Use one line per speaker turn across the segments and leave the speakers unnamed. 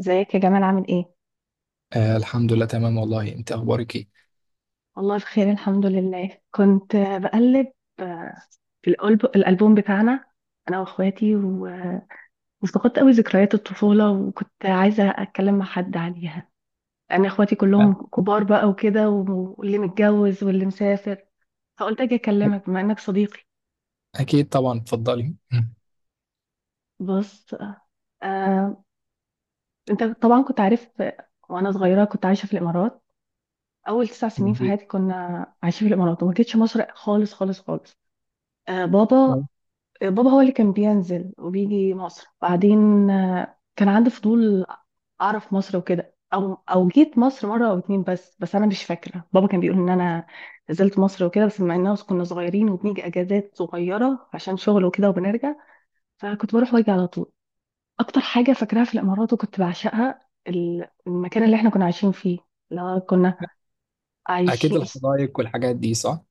ازيك يا جمال؟ عامل ايه؟
الحمد لله تمام، والله انت اخبارك ايه؟
والله بخير، الحمد لله. كنت بقلب، آه، في الألبوم بتاعنا أنا وأخواتي وافتقدت قوي ذكريات الطفولة، وكنت عايزة أتكلم مع حد عليها. أنا أخواتي
أ-
كلهم كبار بقى وكده واللي متجوز واللي مسافر، فقلت أجي أكلمك بما إنك صديقي.
اكيد طبعا، اتفضلي.
بص، آه، أنت طبعا كنت عارف، وأنا صغيرة كنت عايشة في الإمارات. أول 9 سنين في
مم.
حياتي كنا عايشين في الإمارات وما جيتش مصر خالص خالص خالص. آه، بابا بابا هو اللي كان بينزل وبيجي مصر. بعدين كان عندي فضول اعرف مصر وكده. او جيت مصر مره او اتنين، بس انا مش فاكره. بابا كان بيقول ان انا نزلت مصر وكده، بس مع اننا كنا صغيرين وبنيجي اجازات صغيره عشان شغل وكده وبنرجع، فكنت بروح واجي على طول. اكتر حاجه فاكراها في الامارات وكنت بعشقها المكان اللي احنا كنا عايشين فيه. لا، كنا
اكيد،
عايشين.
الحدائق والحاجات دي صح.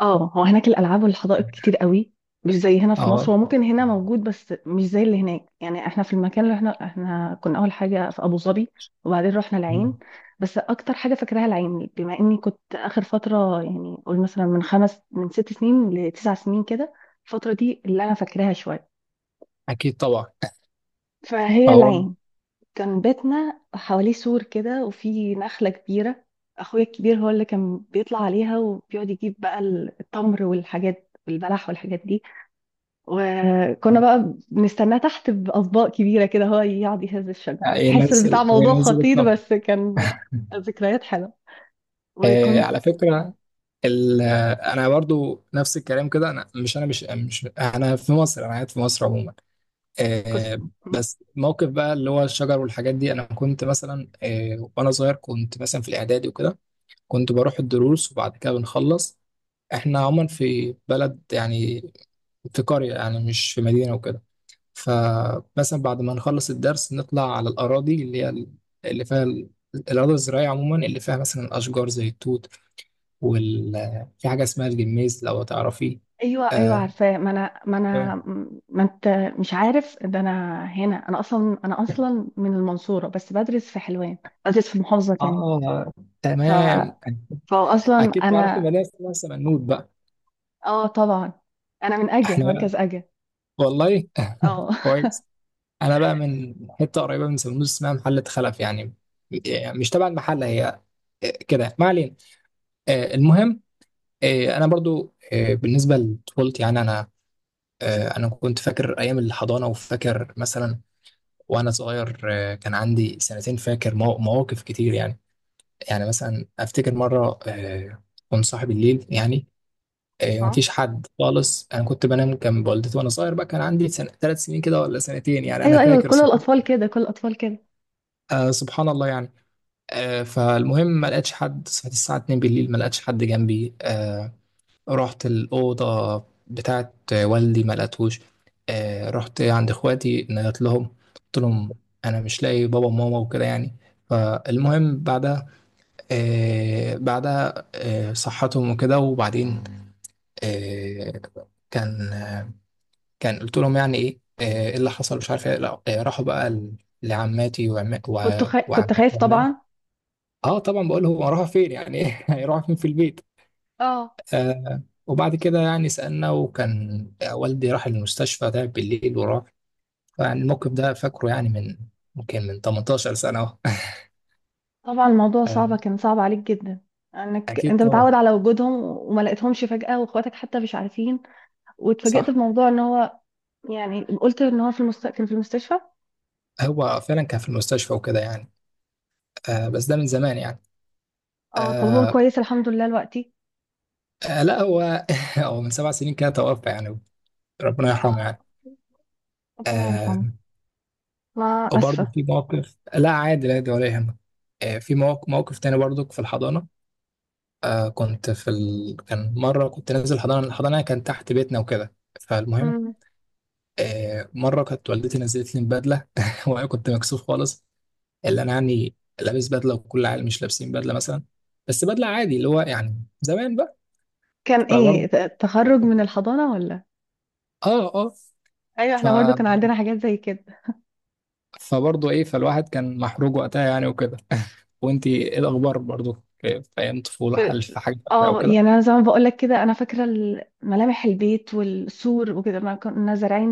اه، هو هناك الالعاب والحدائق كتير قوي، مش زي هنا في مصر.
اه.
هو ممكن هنا موجود بس مش زي اللي هناك، يعني احنا في المكان اللي احنا كنا اول حاجه في ابو ظبي، وبعدين رحنا
مم.
العين. بس اكتر حاجه فاكراها العين بما اني كنت اخر فتره، يعني قول مثلا من 5، من 6 سنين ل9 سنين كده. الفتره دي اللي انا فاكراها شويه،
اكيد طبعا.
فهي
هو
العين. كان بيتنا حواليه سور كده وفي نخله كبيره، اخويا الكبير هو اللي كان بيطلع عليها وبيقعد يجيب بقى التمر والحاجات والبلح والحاجات دي، وكنا بقى بنستناه تحت بأطباق كبيرة كده. هو يقعد يهز الشجر، تحس البتاع
ينزل،
موضوع
ينزل
خطير،
الطب.
بس كان ذكريات حلوة.
آه
وكنت
على فكره. انا برضو نفس الكلام كده. انا مش انا في مصر، انا قاعد في مصر عموما.
كس...
آه بس موقف بقى اللي هو الشجر والحاجات دي، انا كنت مثلا وانا صغير كنت مثلا في الاعدادي وكده، كنت بروح الدروس وبعد كده بنخلص. احنا عموما في بلد يعني، في قرية يعني مش في مدينة وكده. فمثلا بعد ما نخلص الدرس نطلع على الأراضي، اللي هي اللي الأراضي الزراعية عموما، اللي فيها مثلا أشجار زي التوت وال في حاجة اسمها الجميز لو تعرفيه.
ايوه ايوه،
آه.
عارفاه. ما انا ما انت مش عارف ده. انا هنا، انا اصلا، انا اصلا من المنصورة بس بدرس في حلوان، بدرس في محافظة تانية.
آه،
ف...
تمام.
فاصلا
أكيد تعرفي
انا.
مدينة اسمها سمنود بقى.
اه طبعا، انا من اجا،
احنا
مركز
بقى،
اجا.
والله
اه.
كويس. انا بقى من حته قريبه من سموز اسمها محله خلف يعني، يعني مش تبع المحله هي كده. ما علينا. المهم، انا برضو بالنسبه لطفولتي يعني انا، انا كنت فاكر ايام الحضانه وفاكر مثلا وانا صغير. كان عندي سنتين، فاكر مواقف كتير يعني. يعني مثلا افتكر مره، كنت صاحي بالليل يعني.
ها،
ومفيش حد خالص. انا كنت بنام جنب والدتي وانا صغير بقى، كان عندي سنة، ثلاث سنين كده ولا سنتين، يعني انا
ايوه ايوه،
فاكر.
كل الاطفال كده، كل الاطفال كده.
سبحان الله يعني. فالمهم، ما لقيتش حد، صحيت الساعة 2 بالليل ما لقيتش حد جنبي. رحت الأوضة بتاعت والدي ما لقيتهوش. رحت عند إخواتي، نادت لهم، قلت لهم أنا مش لاقي بابا وماما وكده يعني. فالمهم بعدها، صحتهم وكده. وبعدين، آه، كان آه، كان قلت لهم يعني ايه، إيه اللي حصل، مش عارف ايه. لا، راحوا بقى لعماتي، وعماتي.
كنت خايف طبعا.
اه طبعا، بقول هو هروح فين يعني؟ ايه، هيروح فين في البيت؟
اه
آه. وبعد كده يعني سألنا، وكان والدي راح المستشفى، تعب بالليل وراح. يعني الموقف ده فاكره يعني، من ممكن من 18 سنة اهو.
طبعا، الموضوع
آه.
صعب، كان صعب عليك جدا انك
اكيد
انت متعود
طبعا.
على وجودهم وما لقيتهمش فجأة، واخواتك حتى مش عارفين، واتفاجئت
صح.
بموضوع ان هو، يعني قلت ان هو كان في المستشفى.
هو فعلا كان في المستشفى وكده يعني. آه، بس ده من زمان يعني.
اه، طب هو
آه.
كويس الحمد لله دلوقتي.
آه، لا هو هو من سبع سنين كده توفى يعني، ربنا يرحمه يعني.
ربنا يرحمه.
آه.
ما
وبرضه
اسفه.
في موقف، لا عادي لا عادي، ولا يهمك. آه، في موقف، موقف تاني برضك في الحضانة. آه، كان مرة كنت نازل حضانة، الحضانة كان تحت بيتنا وكده. فالمهم،
مم.
آه، مرة كانت والدتي نزلت لي بدلة وأنا كنت مكسوف خالص. اللي أنا يعني لابس بدلة، وكل العيال مش لابسين بدلة مثلا، بس بدلة عادي اللي هو يعني زمان بقى.
كان ايه
فبرضه،
تخرج من الحضانه ولا؟
اه اه.
ايوه،
ف...
احنا برضو كان عندنا حاجات زي كده.
فبرضه ايه، فالواحد كان محروق وقتها يعني وكده. وانتي ايه الأخبار؟ برضه في في أيام طفولة،
في-
هل في حاجة فاكرة
اه يعني
وكده؟
انا زي ما بقول لك كده، انا فاكره ملامح البيت والسور وكده، ما كنا زارعين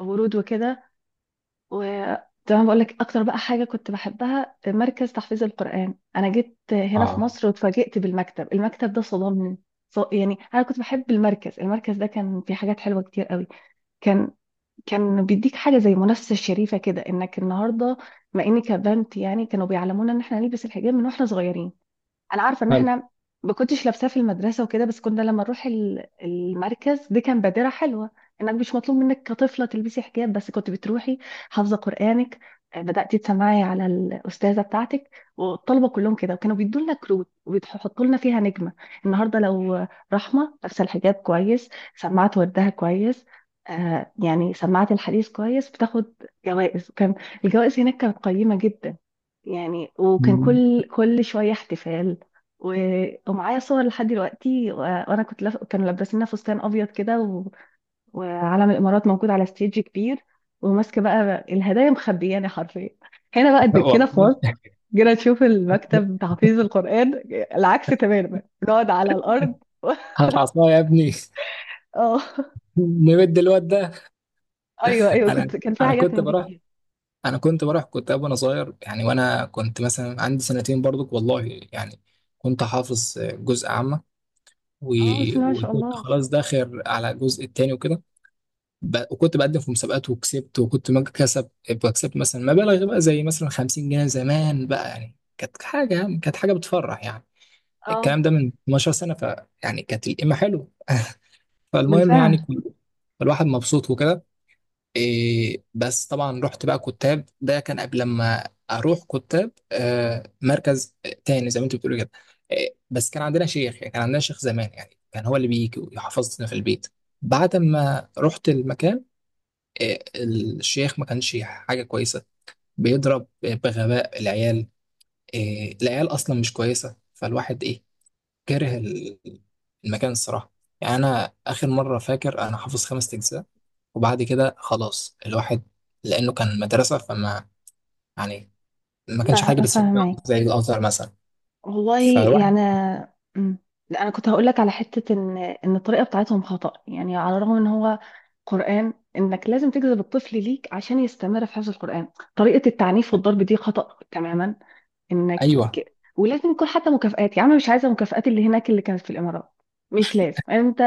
ورود وكده. و زي ما بقول لك، اكتر بقى حاجه كنت بحبها مركز تحفيظ القران. انا جيت هنا في
اه.
مصر واتفاجئت بالمكتب، المكتب ده صدمني. يعني انا كنت بحب المركز ده كان فيه حاجات حلوه كتير قوي. كان كان بيديك حاجه زي منافسه شريفه كده انك النهارده، مع اني كبنت يعني كانوا بيعلمونا ان احنا نلبس الحجاب من واحنا صغيرين. انا عارفه ان
حلو.
احنا ما كنتش لابساه في المدرسه وكده، بس كنا لما نروح المركز دي، كان بادره حلوه انك مش مطلوب منك كطفله تلبسي حجاب، بس كنت بتروحي حافظه قرانك، بداتي تسمعي على الاستاذه بتاعتك. والطلبه كلهم كده، وكانوا بيدوا لنا كروت وبيحطوا لنا فيها نجمه. النهارده لو رحمه لابسه الحجاب كويس، سمعت وردها كويس، آه يعني سمعت الحديث كويس، بتاخد جوائز. وكان الجوائز هناك كانت قيمه جدا يعني. وكان
مم.
كل شويه احتفال. و... ومعايا صور لحد دلوقتي. وانا كنت كانوا لابسيننا فستان ابيض كده. وعلم الامارات موجود على ستيج كبير، وماسكه بقى الهدايا، مخبياني حرفيا. هنا بقى قد كده في مصر
والله.
جينا نشوف المكتب تحفيظ القران العكس تماما، بنقعد على الارض.
هات عصاية يا ابني
اه،
نمد الواد ده.
ايوه ايوه،
انا
كنت كان في
انا
حاجات
كنت
من دي
بروح
كتير.
انا كنت بروح، كنت وانا صغير يعني، وانا كنت مثلا عندي سنتين برضك والله يعني. كنت حافظ جزء عامة و...
اه، بسم الله ما شاء
وكنت
الله.
خلاص داخل على الجزء التاني وكده. وكنت بقدم في مسابقات وكسبت، وكنت ما كسب بكسب مثلا مبالغ بقى، زي مثلا 50 جنيه. زمان بقى يعني كانت حاجة، يعني كانت حاجة بتفرح يعني.
اه
الكلام ده من 12 سنة، ف يعني كانت القيمة حلوة. فالمهم
بالفعل.
يعني، الواحد مبسوط وكده. إيه، بس طبعا رحت بقى كتاب، ده كان قبل ما اروح كتاب، آه، مركز تاني زي ما انت بتقولي كده. إيه، بس كان عندنا شيخ يعني، كان عندنا شيخ زمان يعني، كان هو اللي بيجي ويحفظنا في البيت. بعد ما رحت المكان، إيه، الشيخ ما كانش حاجة كويسة، بيضرب بغباء العيال. إيه، العيال اصلا مش كويسة، فالواحد إيه، كاره المكان الصراحة. يعني أنا آخر مرة فاكر أنا حافظ خمس أجزاء، وبعد كده خلاص الواحد. لأنه كان مدرسة، فما يعني ما كانش حاجة بتشجعه
فاهمك.
زي الأزهر مثلا.
والله
فالواحد،
يعني. مم. لا انا كنت هقول لك على حته ان ان الطريقه بتاعتهم خطا، يعني على الرغم ان هو قران، انك لازم تجذب الطفل ليك عشان يستمر في حفظ القران. طريقه التعنيف والضرب دي خطا تماما، انك
أيوه
ولازم يكون حتى مكافآت. يا عم مش عايزه مكافآت اللي هناك اللي كانت في الامارات، مش لازم انت.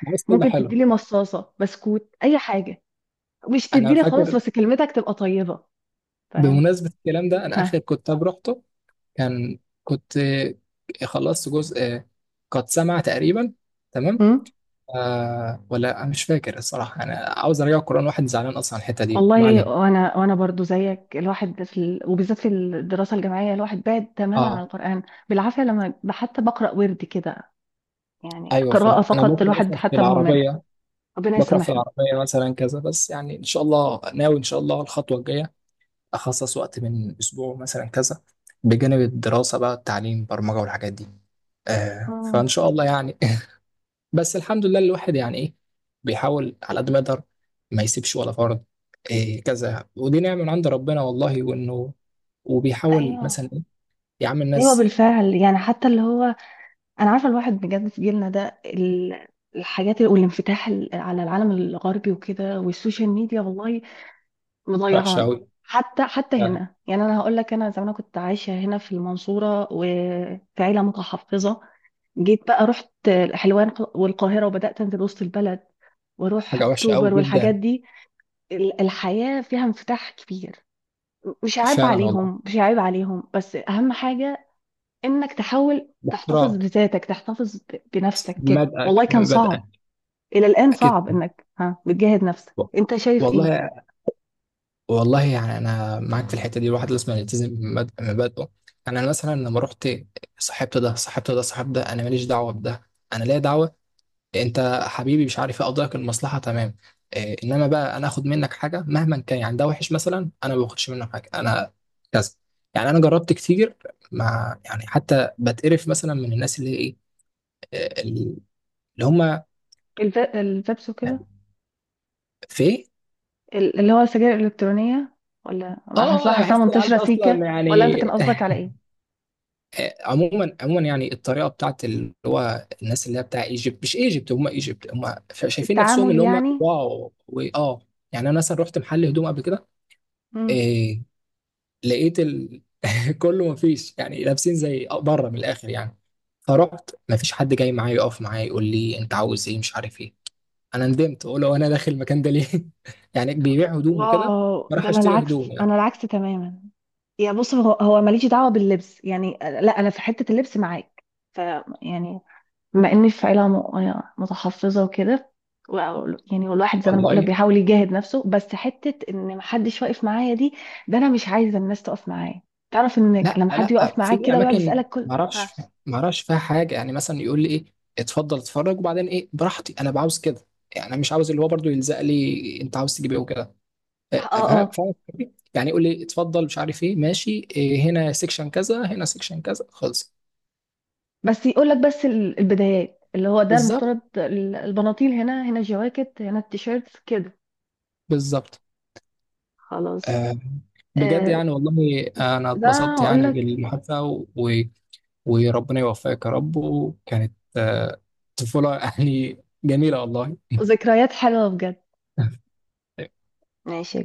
بس كلمة
ممكن
حلو.
تديلي مصاصه بسكوت، اي حاجه، مش
أنا
تديلي
فاكر،
خالص، بس كلمتك تبقى طيبه. فاهم؟
بمناسبة الكلام ده، أنا آخر
ها.
كتاب رحته، كان كنت خلصت جزء قد سمع تقريبا. تمام.
مم؟
آه، ولا أنا مش فاكر الصراحة، أنا عاوز أرجع القرآن. واحد زعلان أصلا على الحتة دي. ما
والله
علينا.
وانا برضو زيك، الواحد في وبالذات في الدراسه الجامعيه الواحد بعد تماما عن
اه.
القران، بالعافيه لما حتى بقرا ورد كده، يعني
ايوه
قراءه
فاهم، انا
فقط،
بقرا
الواحد
مثلا في
حتى مهمل.
العربيه،
ربنا
بقرا في
يسامحنا.
العربيه مثلا كذا بس. يعني ان شاء الله ناوي ان شاء الله الخطوه الجايه اخصص وقت من اسبوع مثلا كذا بجانب الدراسه بقى، التعليم برمجه والحاجات دي. آه،
اه
فان شاء الله يعني. بس الحمد لله الواحد يعني ايه، بيحاول على قد ما يقدر ما يسيبش ولا فرد. إيه كذا، ودي نعمه من عند ربنا والله. وانه وبيحاول مثلا
ايوه
ايه. يا عم
ايوه
الناس
بالفعل يعني. حتى اللي هو، انا عارفه الواحد بجد، في جيلنا ده الحاجات والانفتاح على العالم الغربي وكده والسوشيال ميديا، والله
وحشه
مضيعانا.
قوي.
حتى حتى
فعلا.
هنا، يعني انا هقول لك انا زمان كنت عايشه هنا في المنصوره وفي عيله متحفظه. جيت بقى رحت الحلوان والقاهرة، وبدأت أنزل وسط البلد واروح
حاجه وحشه قوي
اكتوبر والحاجات
جدا.
دي. الحياة فيها انفتاح كبير. مش عيب
فعلا والله.
عليهم، مش عيب عليهم، بس اهم حاجة انك تحاول تحتفظ
باحترام.
بذاتك، تحتفظ بنفسك كده.
بدأك
والله كان
بدأك
صعب. الى الان
أكيد.
صعب، انك ها بتجاهد نفسك. انت شايف ايه؟
والله. والله يعني أنا معاك في الحتة دي، الواحد لازم يلتزم بمبادئه. يعني أنا مثلا لما رحت، صاحبت ده صاحب ده، أنا ماليش دعوة بده، أنا ليا دعوة. أنت حبيبي مش عارف إيه، أقدرك، المصلحة تمام. إيه، إنما بقى أنا آخد منك حاجة مهما كان يعني، ده وحش مثلا، أنا ما باخدش منه حاجة، أنا كذا. يعني أنا جربت كتير، مع يعني حتى بتقرف مثلا من الناس اللي هي إيه، إيه، اللي هم
الفيبس وكده،
في.
اللي هو السجاير الالكترونية، ولا حصلها
اه،
حاساها
احس العيال
منتشرة
ده اصلا
سيكة، ولا انت
يعني.
كان قصدك على ايه؟
عموما، عموما يعني الطريقه بتاعت اللي هو الناس اللي هي بتاع ايجيبت، مش ايجيبت، هم ايجيبت هم شايفين نفسهم
التعامل
اللي هم
يعني.
واو واه. يعني انا مثلا رحت محل هدوم قبل كده، إيه، لقيت ال... كله، ما فيش يعني، لابسين زي بره من الاخر يعني. فرحت، ما فيش حد جاي معايا يقف معايا يقول لي انت عاوز ايه مش عارف ايه. انا ندمت، اقول له انا داخل المكان ده ليه؟ يعني بيبيع هدوم وكده،
واو، ده
فراح
انا
اشتري
العكس،
هدوم يعني.
انا العكس تماما. يا بص، هو ماليش دعوه باللبس يعني. لا انا في حته اللبس معاك. ف يعني بما اني في عيله يعني متحفظه وكده و- يعني، والواحد زي ما انا بقول لك
والله.
بيحاول يجاهد نفسه، بس حته ان محدش واقف معايا دي، ده انا مش عايزه الناس تقف معايا. تعرف انك
لا
لما حد يقف
لا،
معاك
في
كده ويقعد
اماكن
يسالك كل
ما
ها؟
اعرفش، ما اعرفش فيها حاجه، يعني مثلا يقول لي ايه، اتفضل اتفرج وبعدين ايه براحتي، انا بعاوز كده. يعني انا مش عاوز اللي هو برضو يلزق لي، انت عاوز تجيب ايه وكده.
اه
إيه، فاهم
اه،
فاهم الفكرة؟ يعني يقول لي اتفضل، مش عارف ايه، ماشي، إيه، هنا سيكشن كذا هنا سيكشن كذا خلص.
بس يقول لك بس البدايات اللي هو ده
بالظبط.
المفترض البناطيل هنا، هنا الجواكت، هنا التيشيرت كده،
بالظبط.
خلاص.
آه. بجد
آه،
يعني، والله انا
ده
اتبسطت
هقول
يعني
لك.
بالمحادثه، و... وربنا يوفقك يا رب. وكانت آه طفوله يعني جميله والله.
ذكريات حلوة بجد. ماشي يا